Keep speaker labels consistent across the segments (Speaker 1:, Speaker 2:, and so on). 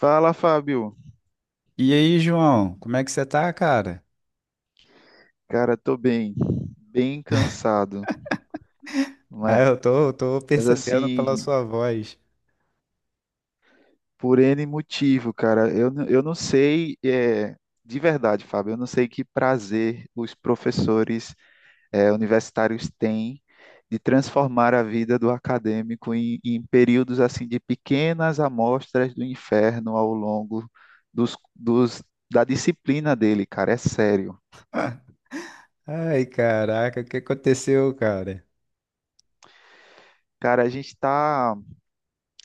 Speaker 1: Fala, Fábio.
Speaker 2: E aí, João, como é que você tá, cara?
Speaker 1: Cara, tô bem, bem cansado,
Speaker 2: Ah,
Speaker 1: mas
Speaker 2: eu tô percebendo pela
Speaker 1: assim,
Speaker 2: sua voz.
Speaker 1: por N motivo, cara, eu não sei, de verdade, Fábio, eu não sei que prazer os professores, universitários têm de transformar a vida do acadêmico em períodos assim de pequenas amostras do inferno ao longo dos, dos, da disciplina dele, cara, é sério.
Speaker 2: Ai, caraca, o que aconteceu, cara?
Speaker 1: Cara, a gente tá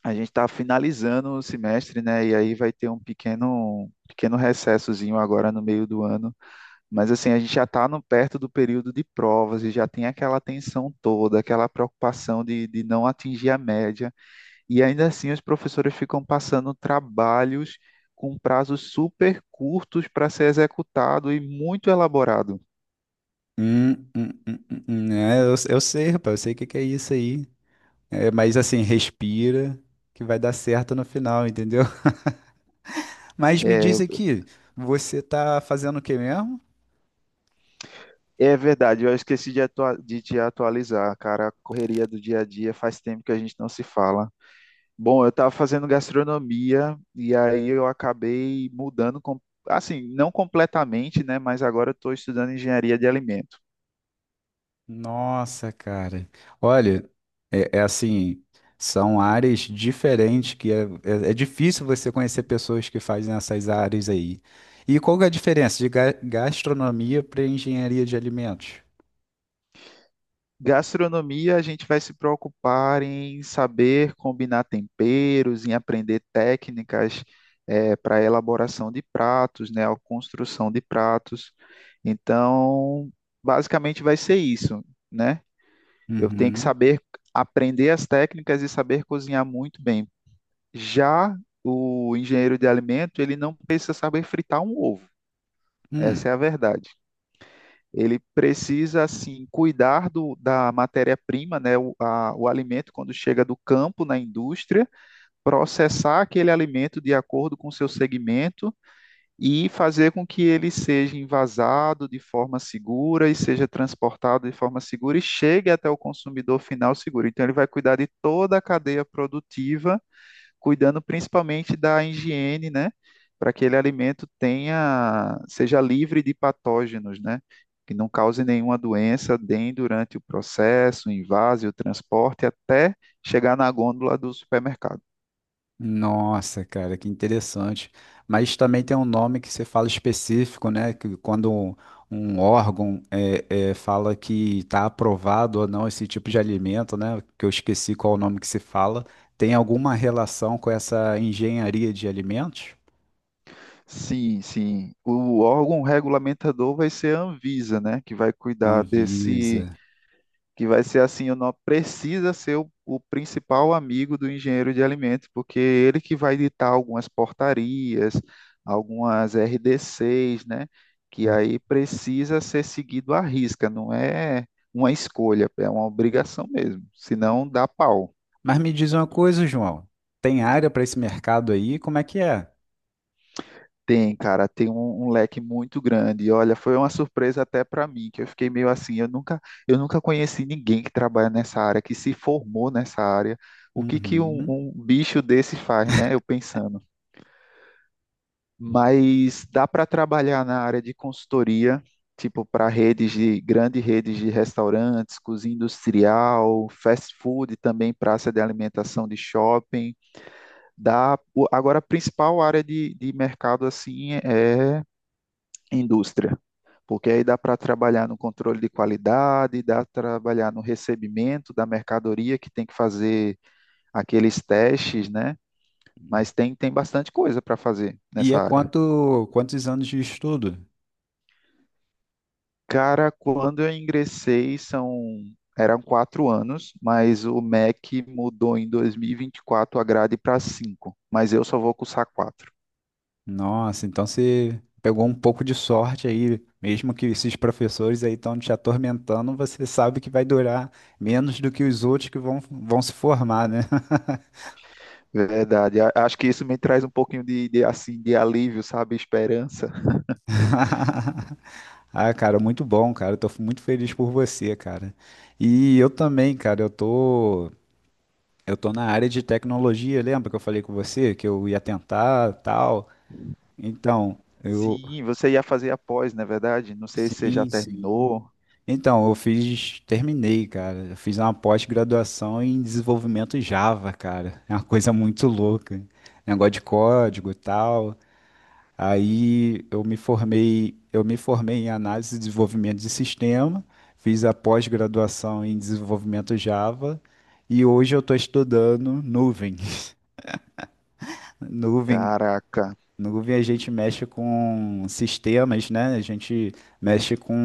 Speaker 1: A gente está finalizando o semestre, né? E aí vai ter um pequeno recessozinho agora no meio do ano. Mas assim, a gente já está perto do período de provas e já tem aquela tensão toda, aquela preocupação de não atingir a média. E ainda assim, os professores ficam passando trabalhos com prazos super curtos para ser executado e muito elaborado.
Speaker 2: É, eu sei, rapaz, eu sei o que que é isso aí. É, mas assim, respira, que vai dar certo no final, entendeu? Mas me diz
Speaker 1: É,
Speaker 2: aqui, você tá fazendo o que mesmo?
Speaker 1: é verdade, eu esqueci de te atualizar, cara. A correria do dia a dia faz tempo que a gente não se fala. Bom, eu estava fazendo gastronomia e aí eu acabei mudando, assim, não completamente, né? Mas agora eu estou estudando engenharia de alimento.
Speaker 2: Nossa, cara. Olha, é assim, são áreas diferentes que é difícil você conhecer pessoas que fazem essas áreas aí. E qual que é a diferença de gastronomia para engenharia de alimentos?
Speaker 1: Gastronomia, a gente vai se preocupar em saber combinar temperos, em aprender técnicas para elaboração de pratos, né? A construção de pratos. Então, basicamente vai ser isso, né? Eu tenho que
Speaker 2: Uhum.
Speaker 1: saber aprender as técnicas e saber cozinhar muito bem. Já o engenheiro de alimento, ele não precisa saber fritar um ovo. Essa
Speaker 2: Hum.
Speaker 1: é a verdade. Ele precisa, assim, cuidar da matéria-prima, né, o alimento, quando chega do campo na indústria, processar aquele alimento de acordo com seu segmento e fazer com que ele seja envasado de forma segura e seja transportado de forma segura e chegue até o consumidor final seguro. Então, ele vai cuidar de toda a cadeia produtiva, cuidando principalmente da higiene, né? Para que aquele alimento tenha, seja livre de patógenos, né? Que não cause nenhuma doença, nem durante o processo, o invase, o transporte, até chegar na gôndola do supermercado.
Speaker 2: Nossa, cara, que interessante. Mas também tem um nome que você fala específico, né? Que quando um órgão fala que está aprovado ou não esse tipo de alimento, né? Que eu esqueci qual o nome que se fala. Tem alguma relação com essa engenharia de alimentos?
Speaker 1: Sim, sim. O órgão regulamentador vai ser a Anvisa, né? Que vai cuidar
Speaker 2: Anvisa.
Speaker 1: desse, que vai ser assim, o nó precisa ser o principal amigo do engenheiro de alimentos, porque é ele que vai ditar algumas portarias, algumas RDCs, né? Que
Speaker 2: Hum.
Speaker 1: aí precisa ser seguido à risca, não é uma escolha, é uma obrigação mesmo, senão dá pau.
Speaker 2: Mas me diz uma coisa, João. Tem área para esse mercado aí? Como é que é?
Speaker 1: Tem, cara, tem um leque muito grande. E olha, foi uma surpresa até para mim, que eu fiquei meio assim, eu nunca conheci ninguém que trabalha nessa área, que se formou nessa área. O que que
Speaker 2: Uhum.
Speaker 1: um bicho desse faz, né? Eu pensando. Mas dá para trabalhar na área de consultoria, tipo para redes de grandes redes de restaurantes, cozinha industrial, fast food, também praça de alimentação de shopping. Agora a principal área de mercado assim é indústria. Porque aí dá para trabalhar no controle de qualidade, dá para trabalhar no recebimento da mercadoria, que tem que fazer aqueles testes, né? Mas tem, tem bastante coisa para fazer
Speaker 2: E
Speaker 1: nessa
Speaker 2: é
Speaker 1: área.
Speaker 2: quantos anos de estudo?
Speaker 1: Cara, quando eu ingressei, eram 4 anos, mas o MEC mudou em 2024 a grade para 5, mas eu só vou cursar 4.
Speaker 2: Nossa, então você pegou um pouco de sorte aí, mesmo que esses professores aí estão te atormentando, você sabe que vai durar menos do que os outros que vão se formar, né?
Speaker 1: Verdade. Acho que isso me traz um pouquinho assim, de alívio, sabe? Esperança.
Speaker 2: Ah, cara, muito bom, cara. Eu tô muito feliz por você, cara. E eu também, cara, eu tô na área de tecnologia, lembra que eu falei com você que eu ia tentar, tal? Então, eu.
Speaker 1: Sim, você ia fazer após, não é verdade? Não sei se você já
Speaker 2: Sim, sim.
Speaker 1: terminou.
Speaker 2: Então, eu fiz, terminei, cara. Eu fiz uma pós-graduação em desenvolvimento Java, cara. É uma coisa muito louca. Negócio de código e tal. Aí eu me formei em análise e desenvolvimento de sistema, fiz a pós-graduação em desenvolvimento Java e hoje eu estou estudando nuvem. Nuvem,
Speaker 1: Caraca,
Speaker 2: nuvem a gente mexe com sistemas, né? A gente mexe com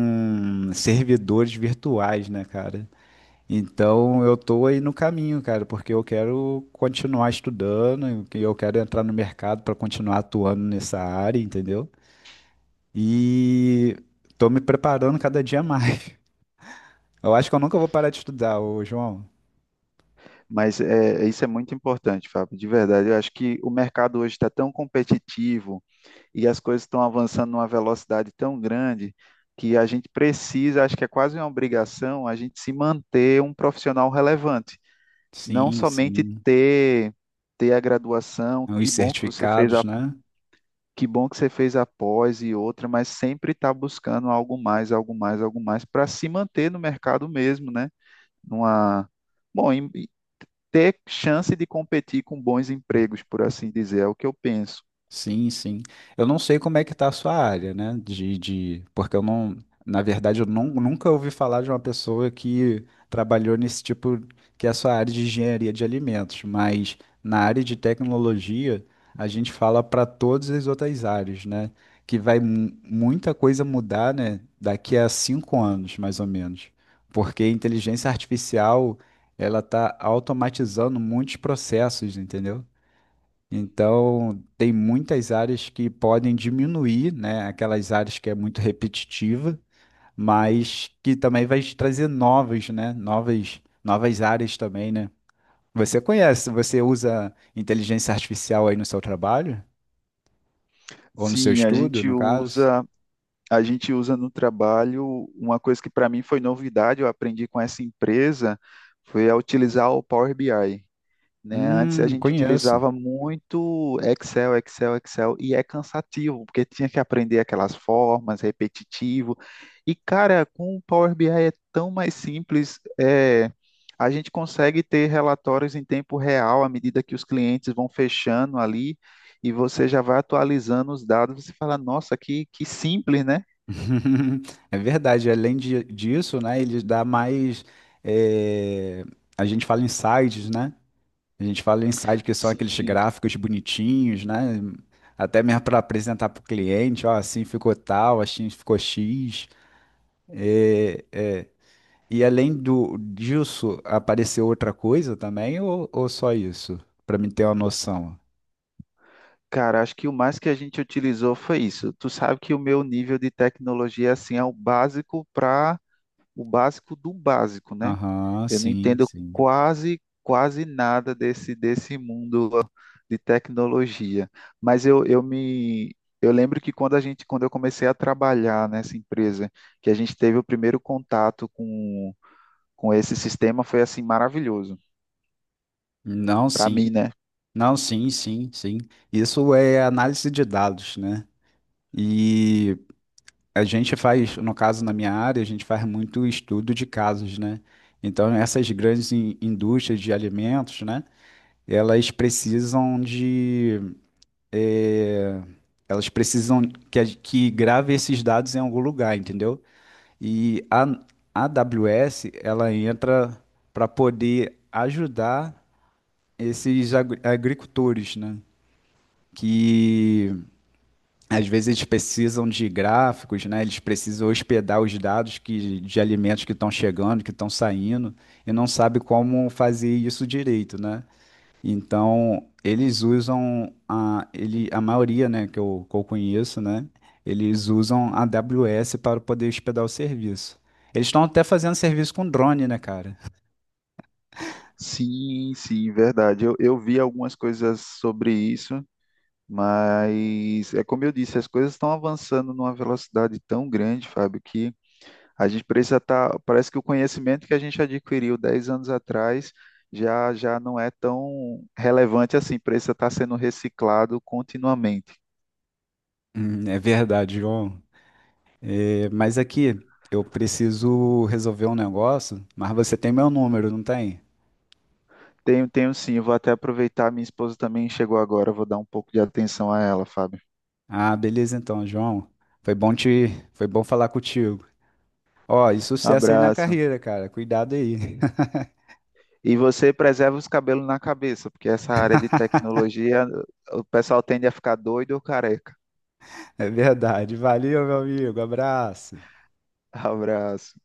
Speaker 2: servidores virtuais, né, cara? Então eu tô aí no caminho, cara, porque eu quero continuar estudando, e eu quero entrar no mercado para continuar atuando nessa área, entendeu? E tô me preparando cada dia mais. Eu acho que eu nunca vou parar de estudar, ô João.
Speaker 1: mas é, isso é muito importante, Fábio, de verdade. Eu acho que o mercado hoje está tão competitivo e as coisas estão avançando numa velocidade tão grande que a gente precisa, acho que é quase uma obrigação, a gente se manter um profissional relevante. Não
Speaker 2: Sim,
Speaker 1: somente
Speaker 2: sim.
Speaker 1: ter a graduação,
Speaker 2: Os certificados, né?
Speaker 1: que bom que você fez a pós e outra, mas sempre está buscando algo mais, algo mais, algo mais, para se manter no mercado mesmo, né? Numa, bom, em- e Ter chance de competir com bons empregos, por assim dizer, é o que eu penso.
Speaker 2: Sim, sim. Eu não sei como é que tá a sua área, né? De... Porque eu não, na verdade, eu não, nunca ouvi falar de uma pessoa que trabalhou nesse tipo, que é a sua área de engenharia de alimentos, mas na área de tecnologia, a gente fala para todas as outras áreas, né? Que vai muita coisa mudar, né? Daqui a cinco anos, mais ou menos. Porque a inteligência artificial, ela tá automatizando muitos processos, entendeu? Então, tem muitas áreas que podem diminuir, né, aquelas áreas que é muito repetitiva, mas que também vai te trazer novas, né, novas áreas também, né? Você conhece, você usa inteligência artificial aí no seu trabalho? Ou no seu
Speaker 1: Sim,
Speaker 2: estudo, no caso?
Speaker 1: a gente usa no trabalho uma coisa que para mim foi novidade, eu aprendi com essa empresa, foi a utilizar o Power BI. Né? Antes a gente
Speaker 2: Conheço.
Speaker 1: utilizava muito Excel, Excel, Excel, e é cansativo, porque tinha que aprender aquelas formas, repetitivo. E, cara, com o Power BI é tão mais simples, a gente consegue ter relatórios em tempo real à medida que os clientes vão fechando ali. E você já vai atualizando os dados, você fala, nossa, que simples, né?
Speaker 2: É verdade. Além disso, né, ele dá mais, eh, a gente fala insights, né? A gente fala em site que são aqueles
Speaker 1: Sim,
Speaker 2: gráficos bonitinhos, né? Até mesmo para apresentar para o cliente, ó, assim ficou tal, assim ficou X. É, é. E além do, disso, apareceu outra coisa também, ou só isso? Para mim ter uma noção.
Speaker 1: cara, acho que o mais que a gente utilizou foi isso. Tu sabe que o meu nível de tecnologia assim é o básico para o básico do básico, né?
Speaker 2: Aham,
Speaker 1: Eu não
Speaker 2: sim,
Speaker 1: entendo
Speaker 2: sim.
Speaker 1: quase nada desse mundo de tecnologia, mas eu lembro que quando eu comecei a trabalhar nessa empresa, que a gente teve o primeiro contato com esse sistema, foi assim maravilhoso
Speaker 2: Não,
Speaker 1: para
Speaker 2: sim.
Speaker 1: mim, né?
Speaker 2: Não, sim, sim, sim. Isso é análise de dados, né? E a gente faz, no caso, na minha área, a gente faz muito estudo de casos, né? Então, essas grandes indústrias de alimentos, né? Elas precisam de, eh, elas precisam que grave esses dados em algum lugar, entendeu? E a AWS, ela entra para poder ajudar esses agricultores, né? Que às vezes eles precisam de gráficos, né? Eles precisam hospedar os dados que, de alimentos que estão chegando, que estão saindo, e não sabe como fazer isso direito, né? Então, eles usam a, ele, a maioria, né, que eu conheço, né? Eles usam a AWS para poder hospedar o serviço. Eles estão até fazendo serviço com drone, né, cara?
Speaker 1: Sim, sim, verdade. Eu vi algumas coisas sobre isso, mas é como eu disse, as coisas estão avançando numa velocidade tão grande, Fábio, que a gente precisa estar. Parece que o conhecimento que a gente adquiriu 10 anos atrás já não é tão relevante assim, precisa estar sendo reciclado continuamente.
Speaker 2: É verdade, João. É, mas aqui, eu preciso resolver um negócio, mas você tem meu número, não tem?
Speaker 1: Tenho, tenho sim, eu vou até aproveitar, minha esposa também chegou agora, eu vou dar um pouco de atenção a ela, Fábio.
Speaker 2: Ah, beleza então, João. Foi bom te, foi bom falar contigo. Ó, e sucesso aí na
Speaker 1: Abraço.
Speaker 2: carreira, cara. Cuidado aí.
Speaker 1: E você preserva os cabelos na cabeça, porque essa área de tecnologia, o pessoal tende a ficar doido ou careca.
Speaker 2: É verdade. Valeu, meu amigo. Abraço.
Speaker 1: Abraço.